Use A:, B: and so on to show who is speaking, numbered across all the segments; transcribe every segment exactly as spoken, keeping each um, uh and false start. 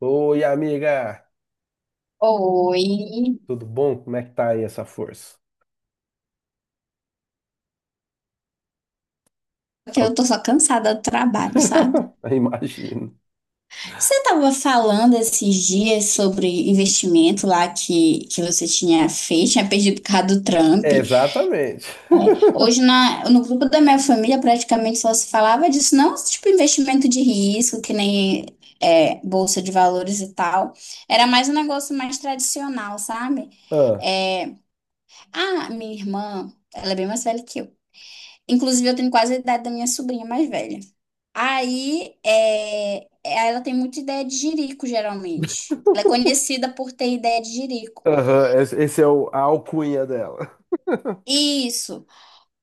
A: Oi, amiga!
B: Oi,
A: Tudo bom? Como é que tá aí essa força?
B: porque eu
A: Al-
B: tô só cansada do trabalho, sabe?
A: Imagino.
B: Você tava falando esses dias sobre investimento lá que, que você tinha feito, tinha perdido por causa do Trump.
A: Exatamente.
B: Hoje na, no grupo da minha família praticamente só se falava disso, não tipo investimento de risco, que nem é, bolsa de valores e tal. Era mais um negócio mais tradicional, sabe?
A: Ah,
B: É, ah, minha irmã, ela é bem mais velha que eu. Inclusive, eu tenho quase a idade da minha sobrinha mais velha. Aí, é, ela tem muita ideia de jirico, geralmente. Ela é conhecida por ter ideia de jirico.
A: aham, esse esse é o, a alcunha dela.
B: Isso.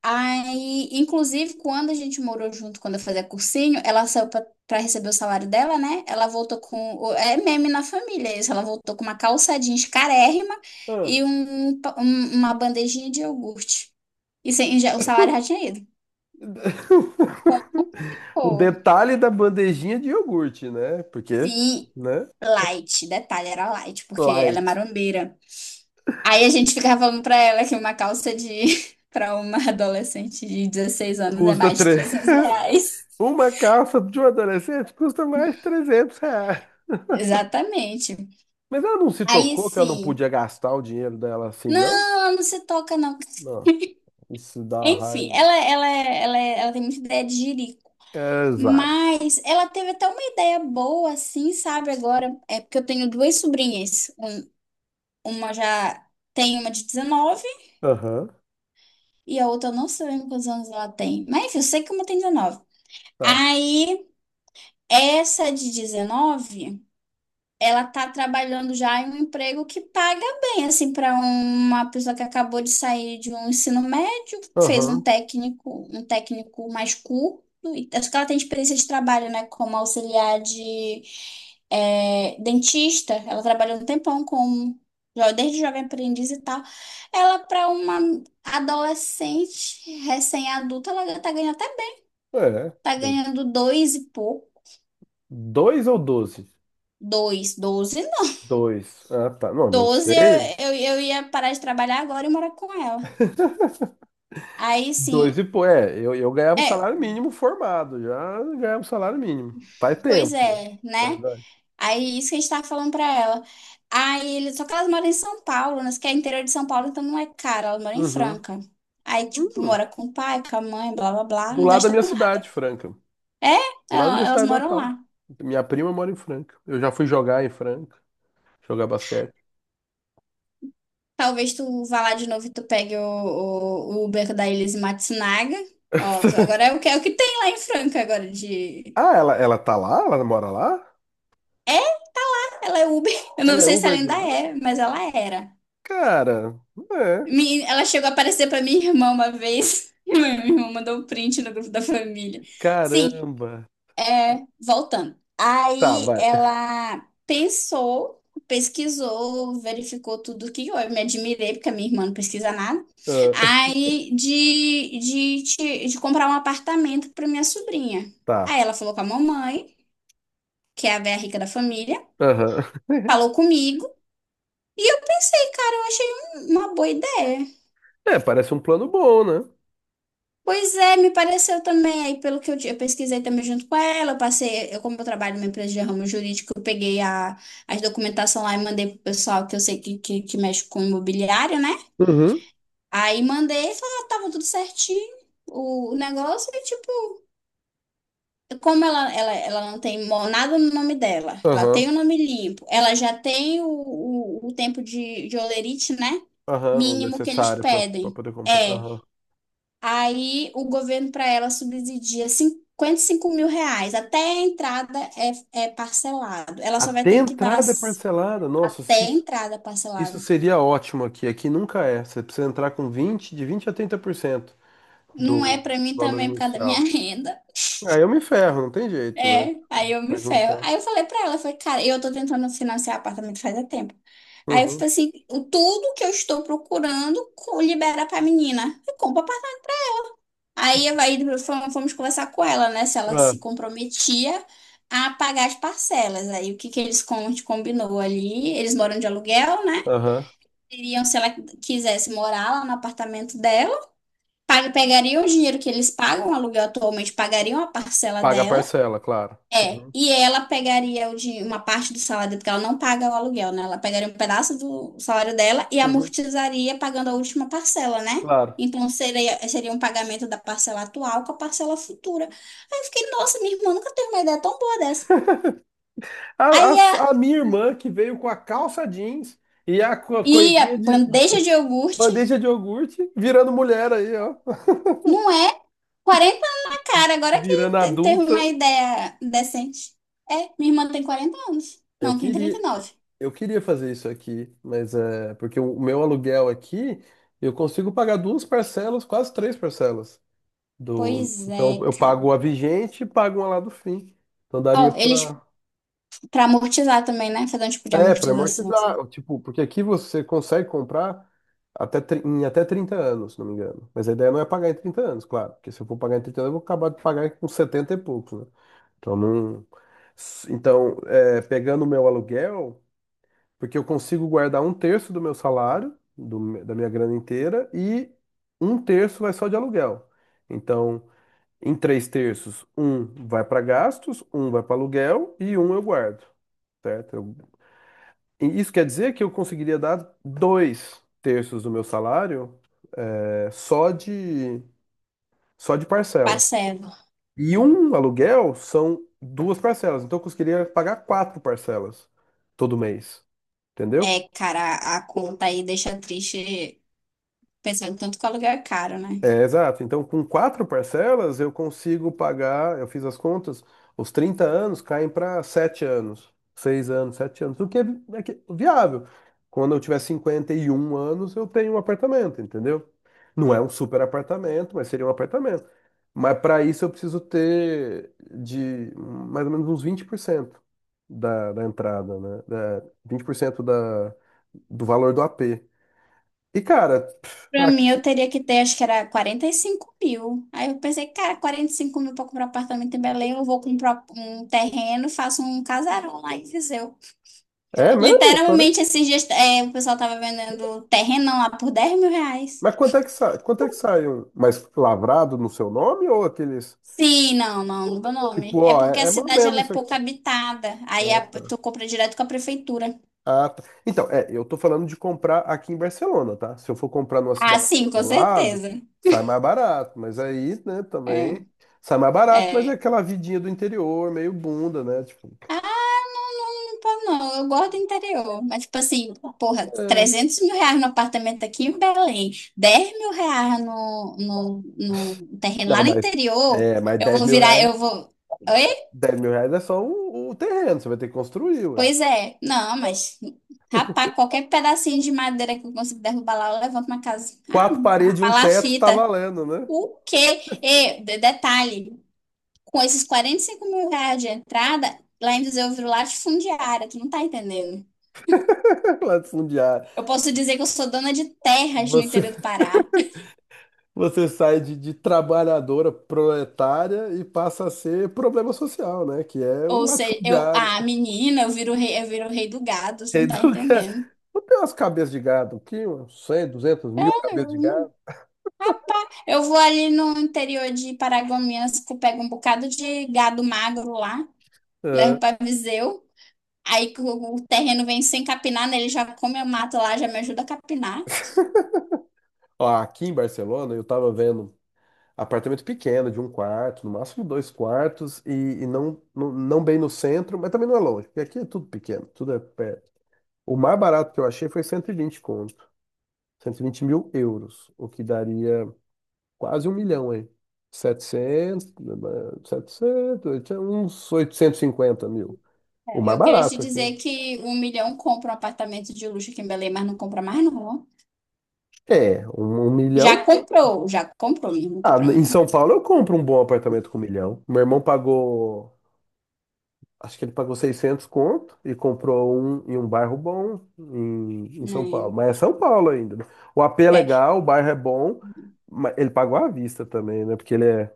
B: Aí, inclusive, quando a gente morou junto, quando eu fazia cursinho, ela saiu pra pra receber o salário dela, né? Ela voltou com. o- É meme na família isso. Ela voltou com uma calça jeans carérrima
A: Ah.
B: e um, pa- um- uma bandejinha de iogurte. E sem, já- o salário já tinha ido. Como?
A: O
B: Pô.
A: detalhe da bandejinha de iogurte, né? Porque,
B: Sim,
A: né?
B: light. Detalhe, era light, porque ela é
A: Light.
B: marombeira. Aí a gente ficava falando pra ela que uma calça de para uma adolescente de dezesseis anos é
A: Custa
B: mais de
A: três.
B: trezentos reais.
A: Uma calça de um adolescente custa mais de trezentos reais.
B: Exatamente.
A: Mas ela não se
B: Aí
A: tocou que ela não podia
B: sim.
A: gastar o dinheiro dela assim,
B: Não,
A: não?
B: ela não se toca, não.
A: Não, isso dá
B: Enfim,
A: raiva.
B: ela, ela, ela, ela tem muita ideia de jirico.
A: Exato.
B: Mas ela teve até uma ideia boa, assim, sabe? Agora, é porque eu tenho duas sobrinhas. Uma já tem uma de dezenove
A: Aham,
B: e a outra eu não sei quantos anos ela tem. Mas enfim, eu sei que uma tem dezenove.
A: tá.
B: Aí, essa de dezenove, ela tá trabalhando já em um emprego que paga bem, assim, para uma pessoa que acabou de sair de um ensino médio, fez um
A: Aham,
B: técnico, um técnico mais curto, e acho que ela tem experiência de trabalho, né, como auxiliar de é, dentista. Ela trabalhou um tempão como jo- desde jovem aprendiz e tal, ela para uma adolescente recém-adulta, ela tá ganhando até bem,
A: é.
B: tá ganhando dois e pouco,
A: Dois ou doze?
B: dois, doze.
A: Dois. Ah, tá. Não, não
B: Doze eu,
A: sei.
B: eu, eu ia parar de trabalhar agora e morar com ela. Aí,
A: Dois e
B: sim,
A: pô, é, eu, eu ganhava o
B: é,
A: salário mínimo formado, já ganhava o salário mínimo. Faz
B: pois
A: tempo, né?
B: é,
A: Mas
B: né?
A: vai.
B: Aí, isso que a gente tava falando pra ela. Aí, ele- só que elas moram em São Paulo, né? Que é interior de São Paulo, então não é caro, elas moram em
A: Uhum.
B: Franca. Aí, tipo,
A: Hum,
B: mora com o pai, com a mãe, blá, blá, blá,
A: do
B: não
A: lado da
B: gasta
A: minha
B: com nada.
A: cidade, Franca.
B: É,
A: Do lado da minha
B: ela- elas
A: cidade
B: moram
A: natal.
B: lá.
A: Minha prima mora em Franca. Eu já fui jogar em Franca, jogar basquete.
B: Talvez tu vá lá de novo e tu pegue o, o, o Uber da Elise Matsunaga. Ó, agora é o que, é o que tem lá em Franca agora de.
A: Ah, ela, ela tá lá? Ela mora lá?
B: Ela é Uber. Eu não
A: Ela é
B: sei se ela
A: Uber de
B: ainda
A: lá?
B: é, mas ela era.
A: Cara, é.
B: Mi- Ela chegou a aparecer pra minha irmã uma vez. Minha irmã mandou um print no grupo da família. Sim,
A: Caramba.
B: é, voltando.
A: Tá,
B: Aí
A: vai.
B: ela pensou, pesquisou, verificou tudo que eu me admirei, porque a minha irmã não pesquisa nada.
A: Ah,
B: Aí de, de, de, de comprar um apartamento pra minha sobrinha. Aí
A: tá.
B: ela falou com a mamãe, que é a velha rica da família,
A: Aham.
B: falou comigo. E eu pensei, cara, eu achei um- uma boa ideia.
A: É, parece um plano bom, né?
B: Pois é, me pareceu também. Aí, pelo que eu, di- eu pesquisei também junto com ela, eu passei, eu, como eu trabalho numa empresa de ramo jurídico, eu peguei a, as documentação lá e mandei pro pessoal que eu sei que, que, que mexe com imobiliário, né?
A: Uhum.
B: Aí mandei e falou, ah, tava tudo certinho. O, o negócio e tipo, como ela, ela, ela não tem mo- nada no nome dela, ela tem
A: Aham.
B: o nome limpo, ela já tem o, o, o tempo de, de holerite, né?
A: Aham. O
B: Mínimo que eles
A: necessário para
B: pedem.
A: poder comprar.
B: É.
A: Aham.
B: Aí o governo para ela subsidia cinquenta e cinco mil reais. Até a entrada é, é parcelado. Ela só vai
A: Até
B: ter que dar
A: entrada é
B: s-
A: parcelada. Nossa, se
B: até a
A: isso,
B: entrada
A: isso
B: parcelado.
A: seria ótimo aqui. Aqui nunca é. Você precisa entrar com vinte de vinte a trinta por cento
B: Não é
A: do
B: para mim
A: valor
B: também por causa da minha
A: inicial.
B: renda.
A: Aí eu me ferro, não tem jeito, né?
B: É, aí eu me
A: Vai
B: ferro.
A: juntar.
B: Aí eu falei para ela, eu falei, cara, eu tô tentando financiar apartamento faz há tempo. Aí eu
A: Uhum.
B: falei assim, o- tudo que eu estou procurando co- libera pra menina. Eu compro. Aí, aí fomos, fomos conversar com ela, né? Se ela
A: Ah,
B: se comprometia a pagar as parcelas. Aí o que que eles com- a gente combinou ali? Eles moram de aluguel, né?
A: aham.
B: Iriam, se ela quisesse morar lá no apartamento dela, pag- pegariam o dinheiro que eles pagam, o aluguel atualmente, pagariam a parcela
A: Paga a
B: dela.
A: parcela, claro.
B: É,
A: Uhum.
B: e ela pegaria o din- uma parte do salário, porque ela não paga o aluguel, né? Ela pegaria um pedaço do salário dela e
A: Uhum.
B: amortizaria pagando a última parcela, né?
A: Claro.
B: Então seria, seria um pagamento da parcela atual com a parcela futura. Aí eu fiquei, nossa, minha irmã nunca teve uma ideia tão boa dessa.
A: A, a
B: Aí a,
A: s- a minha irmã que veio com a calça jeans e a co-
B: e a
A: coisinha de
B: bandeja de iogurte
A: bandeja de iogurte, virando mulher aí, ó,
B: não é quarenta anos na cara, agora que
A: virando
B: te- teve uma
A: adulta.
B: ideia decente. É, minha irmã tem quarenta anos.
A: Eu
B: Não, tem trinta e
A: queria,
B: nove
A: eu queria fazer isso aqui, mas é porque o meu aluguel aqui eu consigo pagar duas parcelas, quase três parcelas do.
B: Pois
A: Então
B: é,
A: eu
B: cara.
A: pago a vigente e pago uma lá do fim. Então daria
B: Ó, eles.
A: para
B: Pra amortizar também, né? Fazer um tipo de
A: É, para
B: amortização, assim.
A: amortizar, tipo, porque aqui você consegue comprar até, tri- em até trinta anos, se não me engano. Mas a ideia não é pagar em trinta anos, claro, porque se eu for pagar em trinta anos, eu vou acabar de pagar com setenta e poucos, né? Então, não. S- então é, pegando o meu aluguel, porque eu consigo guardar um terço do meu salário, do me- da minha grana inteira, e um terço vai só de aluguel. Então, em três terços, um vai para gastos, um vai para aluguel e um eu guardo. Certo? Eu e isso quer dizer que eu conseguiria dar dois terços do meu salário, é, só de, só de parcela.
B: Parcelo.
A: E um aluguel são duas parcelas. Então eu conseguiria pagar quatro parcelas todo mês. Entendeu?
B: É, cara, a a conta aí deixa triste pensando tanto que o aluguel é caro, né?
A: É, exato. Então, com quatro parcelas, eu consigo pagar, eu fiz as contas, os trinta anos caem para sete anos, seis anos, sete anos, o que é, vi- é que- viável. Quando eu tiver cinquenta e um anos, eu tenho um apartamento, entendeu? Não é um super apartamento, mas seria um apartamento. Mas para isso eu preciso ter de mais ou menos uns vinte por cento da, da entrada, né? Da, vinte por cento da, do valor do A P. E, cara, pff,
B: Pra mim, eu
A: aqui.
B: teria que ter, acho que era quarenta e cinco mil. Aí eu pensei, cara, quarenta e cinco mil pra comprar apartamento em Belém, eu vou comprar um terreno, faço um casarão lá em Viseu.
A: É mesmo?
B: Literalmente, esses dias, é, o pessoal tava vendendo terrenão lá por dez mil reais.
A: Mas quanto é que sai? Quanto é que sai um mais lavrado no seu nome ou aqueles
B: Sim, não, não, do meu nome.
A: tipo,
B: É
A: ó,
B: porque a
A: é, é mais ou
B: cidade ela
A: menos
B: é
A: isso
B: pouco
A: aqui.
B: habitada. Aí
A: Ah,
B: a-
A: tá.
B: tu compra direto com a prefeitura.
A: Ah, tá. Então, é, eu tô falando de comprar aqui em Barcelona, tá? Se eu for comprar numa
B: Ah,
A: cidade
B: sim,
A: do
B: com
A: lado,
B: certeza.
A: sai mais barato, mas aí, né,
B: É,
A: também sai mais barato, mas é
B: é.
A: aquela vidinha do interior, meio bunda, né? Tipo,
B: Ah, não, não, não, não, eu gosto do interior. Mas, tipo assim, porra,
A: é.
B: trezentos mil reais no apartamento aqui em Belém, dez mil reais no, no, no terreno lá
A: Não,
B: no
A: mas
B: interior,
A: é, mas
B: eu
A: dez
B: vou
A: mil
B: virar,
A: reais,
B: eu vou. Oi?
A: dez mil reais é só o, o terreno, você vai ter que construir, ué.
B: Pois é. Não, mas, rapaz, qualquer pedacinho de madeira que eu consigo derrubar lá, eu levanto uma casa. Ah,
A: Quatro
B: uma
A: paredes e um teto tá
B: palafita.
A: valendo, né?
B: O quê? E, de- detalhe, com esses quarenta e cinco mil reais de entrada, lá em Viseu eu viro latifundiária, tu não tá entendendo.
A: Latifundiário.
B: Eu posso dizer que eu sou dona de terras no
A: Você
B: interior do Pará.
A: Você sai de, de trabalhadora proletária e passa a ser problema social, né? Que é o
B: Ou seja, eu,
A: latifundiário.
B: ah, menina, eu viro rei, eu viro rei do gado, você não tá
A: Educa.
B: entendendo.
A: Não tem umas cabeças de gado aqui, uns cem, duzentos, mil cabeças de gado.
B: Eu vou ali no interior de Paragominas, que eu pego um bocado de gado magro lá, levo
A: É.
B: pra Viseu. Aí que o o terreno vem sem capinar, né? Ele já come a mato lá, já me ajuda a capinar.
A: Ó, aqui em Barcelona, eu tava vendo apartamento pequeno, de um quarto, no máximo dois quartos, e, e não, não, não bem no centro, mas também não é longe, porque aqui é tudo pequeno, tudo é perto. O mais barato que eu achei foi cento e vinte conto, cento e vinte mil euros, o que daria quase um milhão aí. Setecentos, eh, setecentos, oitocentos uns oitocentos e cinquenta mil. O
B: É,
A: mais
B: eu queria te
A: barato aqui.
B: dizer que um milhão compra um apartamento de luxo aqui em Belém, mas não compra mais, não. Ó.
A: É, um, um milhão.
B: Já comprou, já comprou, mesmo, não
A: Ah,
B: compra mais,
A: em
B: não.
A: São Paulo eu compro um bom apartamento com um milhão. Meu irmão pagou, acho que ele pagou seiscentos conto e comprou um em um bairro bom em, em São Paulo.
B: Né?
A: Mas é São Paulo ainda, né? O A P é
B: É.
A: legal, o bairro é bom, mas ele pagou à vista também, né? Porque ele é.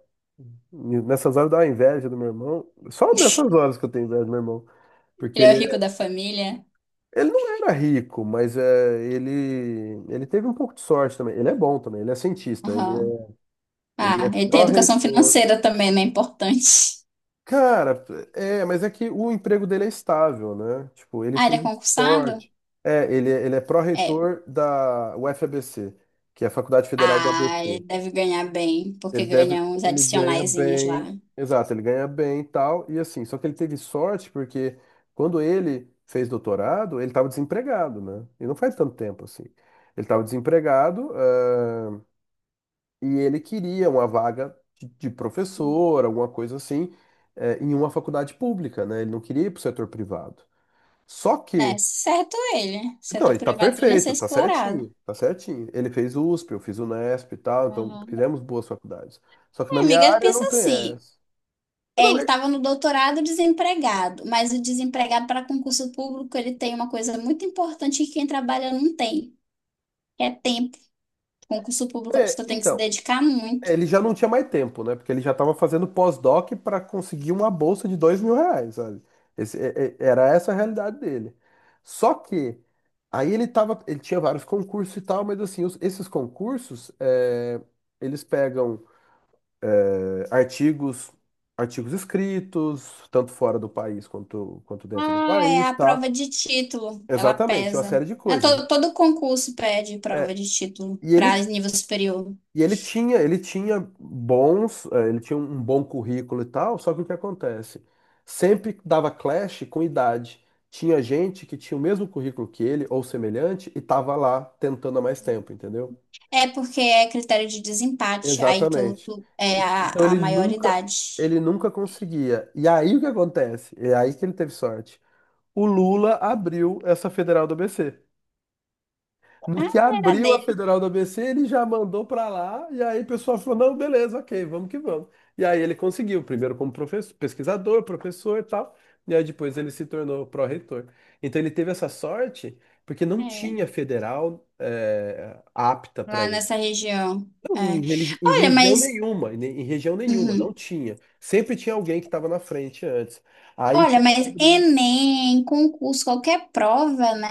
A: Nessas horas dá uma inveja do meu irmão. Só nessas horas que eu tenho inveja do meu irmão. Porque
B: Ele é
A: ele
B: o rico da família.
A: Ele não era rico, mas é, ele, ele teve um pouco de sorte também. Ele é bom também, ele é cientista, ele
B: Aham.
A: é, ele é
B: Ah, ele tem educação
A: pró-reitor.
B: financeira também, né? Importante.
A: Cara, é, mas é que o emprego dele é estável, né? Tipo, ele
B: Ah, ele é
A: teve
B: concursado?
A: sorte. É, ele, é, ele é
B: É.
A: pró-reitor da UFABC, que é a Faculdade Federal do
B: Ah, ele
A: A B C.
B: deve ganhar bem, porque
A: Ele deve,
B: ganha uns
A: ele ganha
B: adicionaizinhos lá.
A: bem, exato, ele ganha bem e tal, e assim, só que ele teve sorte porque quando ele fez doutorado, ele estava desempregado, né? E não faz tanto tempo assim. Ele estava desempregado, ah, e ele queria uma vaga de, de professor, alguma coisa assim, eh, em uma faculdade pública, né? Ele não queria ir para o setor privado. Só
B: É,
A: que,
B: certo ele.
A: não,
B: Setor
A: ele tá
B: privado ele ia ser
A: perfeito, tá
B: explorado.
A: certinho, tá certinho. Ele fez USP, eu fiz UNESP e tal, então
B: Aham.
A: fizemos boas faculdades. Só que
B: É,
A: na minha
B: amiga,
A: área
B: pensa
A: não tem
B: assim.
A: essa.
B: É,
A: Não,
B: ele
A: é,
B: estava no doutorado desempregado, mas o desempregado para concurso público, ele tem uma coisa muito importante que quem trabalha não tem, que é tempo. Concurso público, a
A: é,
B: pessoa tem que se
A: então,
B: dedicar muito.
A: é, ele já não tinha mais tempo, né? Porque ele já estava fazendo pós-doc para conseguir uma bolsa de dois mil reais, sabe? Esse- é- é- era essa a realidade dele. Só que aí ele tava, ele tinha vários concursos e tal, mas assim, os- esses concursos, é, eles pegam é, artigos, artigos, escritos, tanto fora do país quanto, quanto dentro do
B: Ah, é
A: país, e
B: a prova
A: tal.
B: de título, ela
A: Exatamente, uma
B: pesa.
A: série de
B: É,
A: coisas.
B: todo, todo concurso pede
A: É.
B: prova de título
A: e
B: para
A: ele
B: nível superior.
A: E ele tinha, ele tinha bons, eh, ele tinha um bom currículo e tal, só que o que acontece? Sempre dava clash com idade. Tinha gente que tinha o mesmo currículo que ele, ou semelhante, e tava lá tentando há mais tempo, entendeu?
B: É porque é critério de desempate, aí tu,
A: Exatamente.
B: tu- é a,
A: Então
B: a
A: ele nunca,
B: maioridade.
A: ele nunca conseguia. E aí o que acontece? É aí que ele teve sorte. O Lula abriu essa federal do A B C. No
B: Ah,
A: que
B: era
A: abriu a
B: dele.
A: Federal do A B C, ele já mandou para lá, e aí o pessoal falou: não, beleza, ok, vamos que vamos. E aí ele conseguiu, primeiro como professor, pesquisador, professor e tal, e aí depois ele se tornou pró-reitor. Então ele teve essa sorte, porque não
B: É,
A: tinha federal eh, apta para
B: lá
A: ele.
B: nessa região.
A: Não,
B: É.
A: em, religi- em
B: Olha,
A: região
B: mas.
A: nenhuma, em, em região nenhuma, não
B: Uhum.
A: tinha. Sempre tinha alguém que estava na frente antes. Aí
B: Olha,
A: quando
B: mas
A: abriu. ele-
B: Enem, concurso, qualquer prova, né?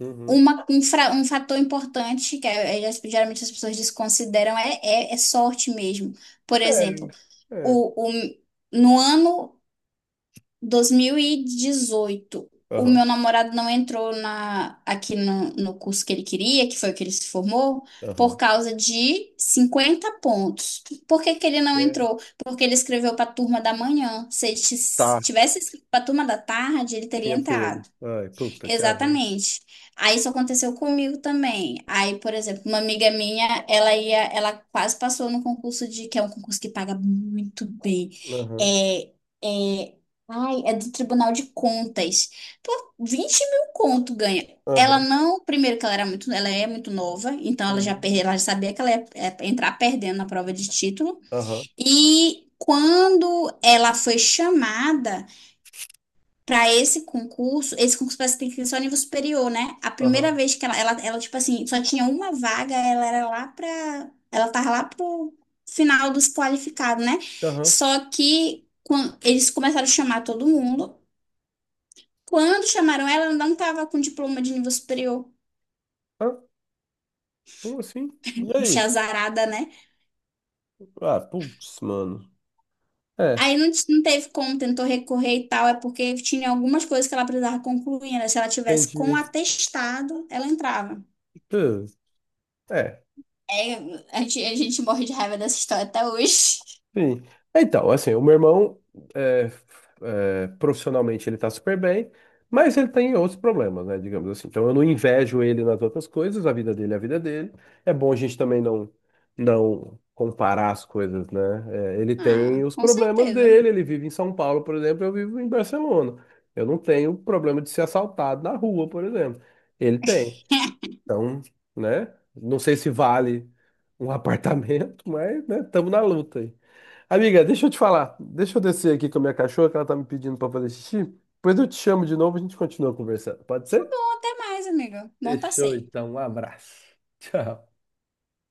A: Uhum,
B: Uma, um, fra- um fator importante que é- é- geralmente as pessoas desconsideram é, é, é sorte mesmo. Por exemplo,
A: é,
B: o, o, no ano dois mil e dezoito, o meu
A: aham,
B: namorado não entrou na, aqui no, no curso que ele queria, que foi o que ele se formou, por
A: aham.
B: causa de cinquenta pontos. Por que que ele não
A: É.
B: entrou? Porque ele escreveu para a turma da manhã. Se ele tis-
A: Tá.
B: tivesse escrito para a turma da tarde, ele teria
A: Tinha pego.
B: entrado.
A: Ai, puta, que azar.
B: Exatamente. Aí isso aconteceu comigo também. Aí, por exemplo, uma amiga minha, ela ia, ela quase passou no concurso de, que é um concurso que paga muito bem.
A: Aham,
B: É, é, ai, é do Tribunal de Contas. Pô, vinte mil conto ganha. Ela
A: aham,
B: não, primeiro que ela era muito, ela é muito nova, então ela já
A: uhum,
B: perdeu, ela já sabia que ela ia, é, entrar perdendo na prova de título.
A: aham,
B: E quando ela foi chamada para esse concurso, esse concurso parece que tem que ser só nível superior, né? A
A: aham,
B: primeira vez que ela, ela, ela, tipo assim, só tinha uma vaga, ela era lá pra. Ela tava lá pro final dos qualificados, né?
A: aham.
B: Só que quan- eles começaram a chamar todo mundo. Quando chamaram ela, ela não tava com diploma de nível superior.
A: Ah, como assim? E
B: Bicha
A: aí?
B: azarada, né?
A: Ah, putz, mano. É,
B: Aí não, t- não teve como, tentou recorrer e tal, é porque tinha algumas coisas que ela precisava concluir, né? Se ela tivesse com
A: entendi.
B: atestado, ela entrava.
A: Pô. É.
B: É, a gente, a gente morre de raiva dessa história até hoje.
A: Sim. Então, assim, o meu irmão, é, é, profissionalmente, ele tá super bem, mas ele tem outros problemas, né, digamos assim. Então, eu não invejo ele nas outras coisas, a vida dele é a vida dele. É bom a gente também não, não comparar as coisas, né? É, ele tem
B: Ah,
A: os
B: com
A: problemas
B: certeza.
A: dele, ele vive em São Paulo, por exemplo, eu vivo em Barcelona. Eu não tenho problema de ser assaltado na rua, por exemplo. Ele tem. Então, né? Não sei se vale um apartamento, mas, né, estamos na luta aí. Amiga, deixa eu te falar. Deixa eu descer aqui com a minha cachorra, que ela tá me pedindo para fazer xixi. Depois eu te chamo de novo e a gente continua conversando. Pode
B: Tá
A: ser?
B: bom, até mais, amigo. Bom
A: Fechou,
B: passeio.
A: então. Um abraço. Tchau.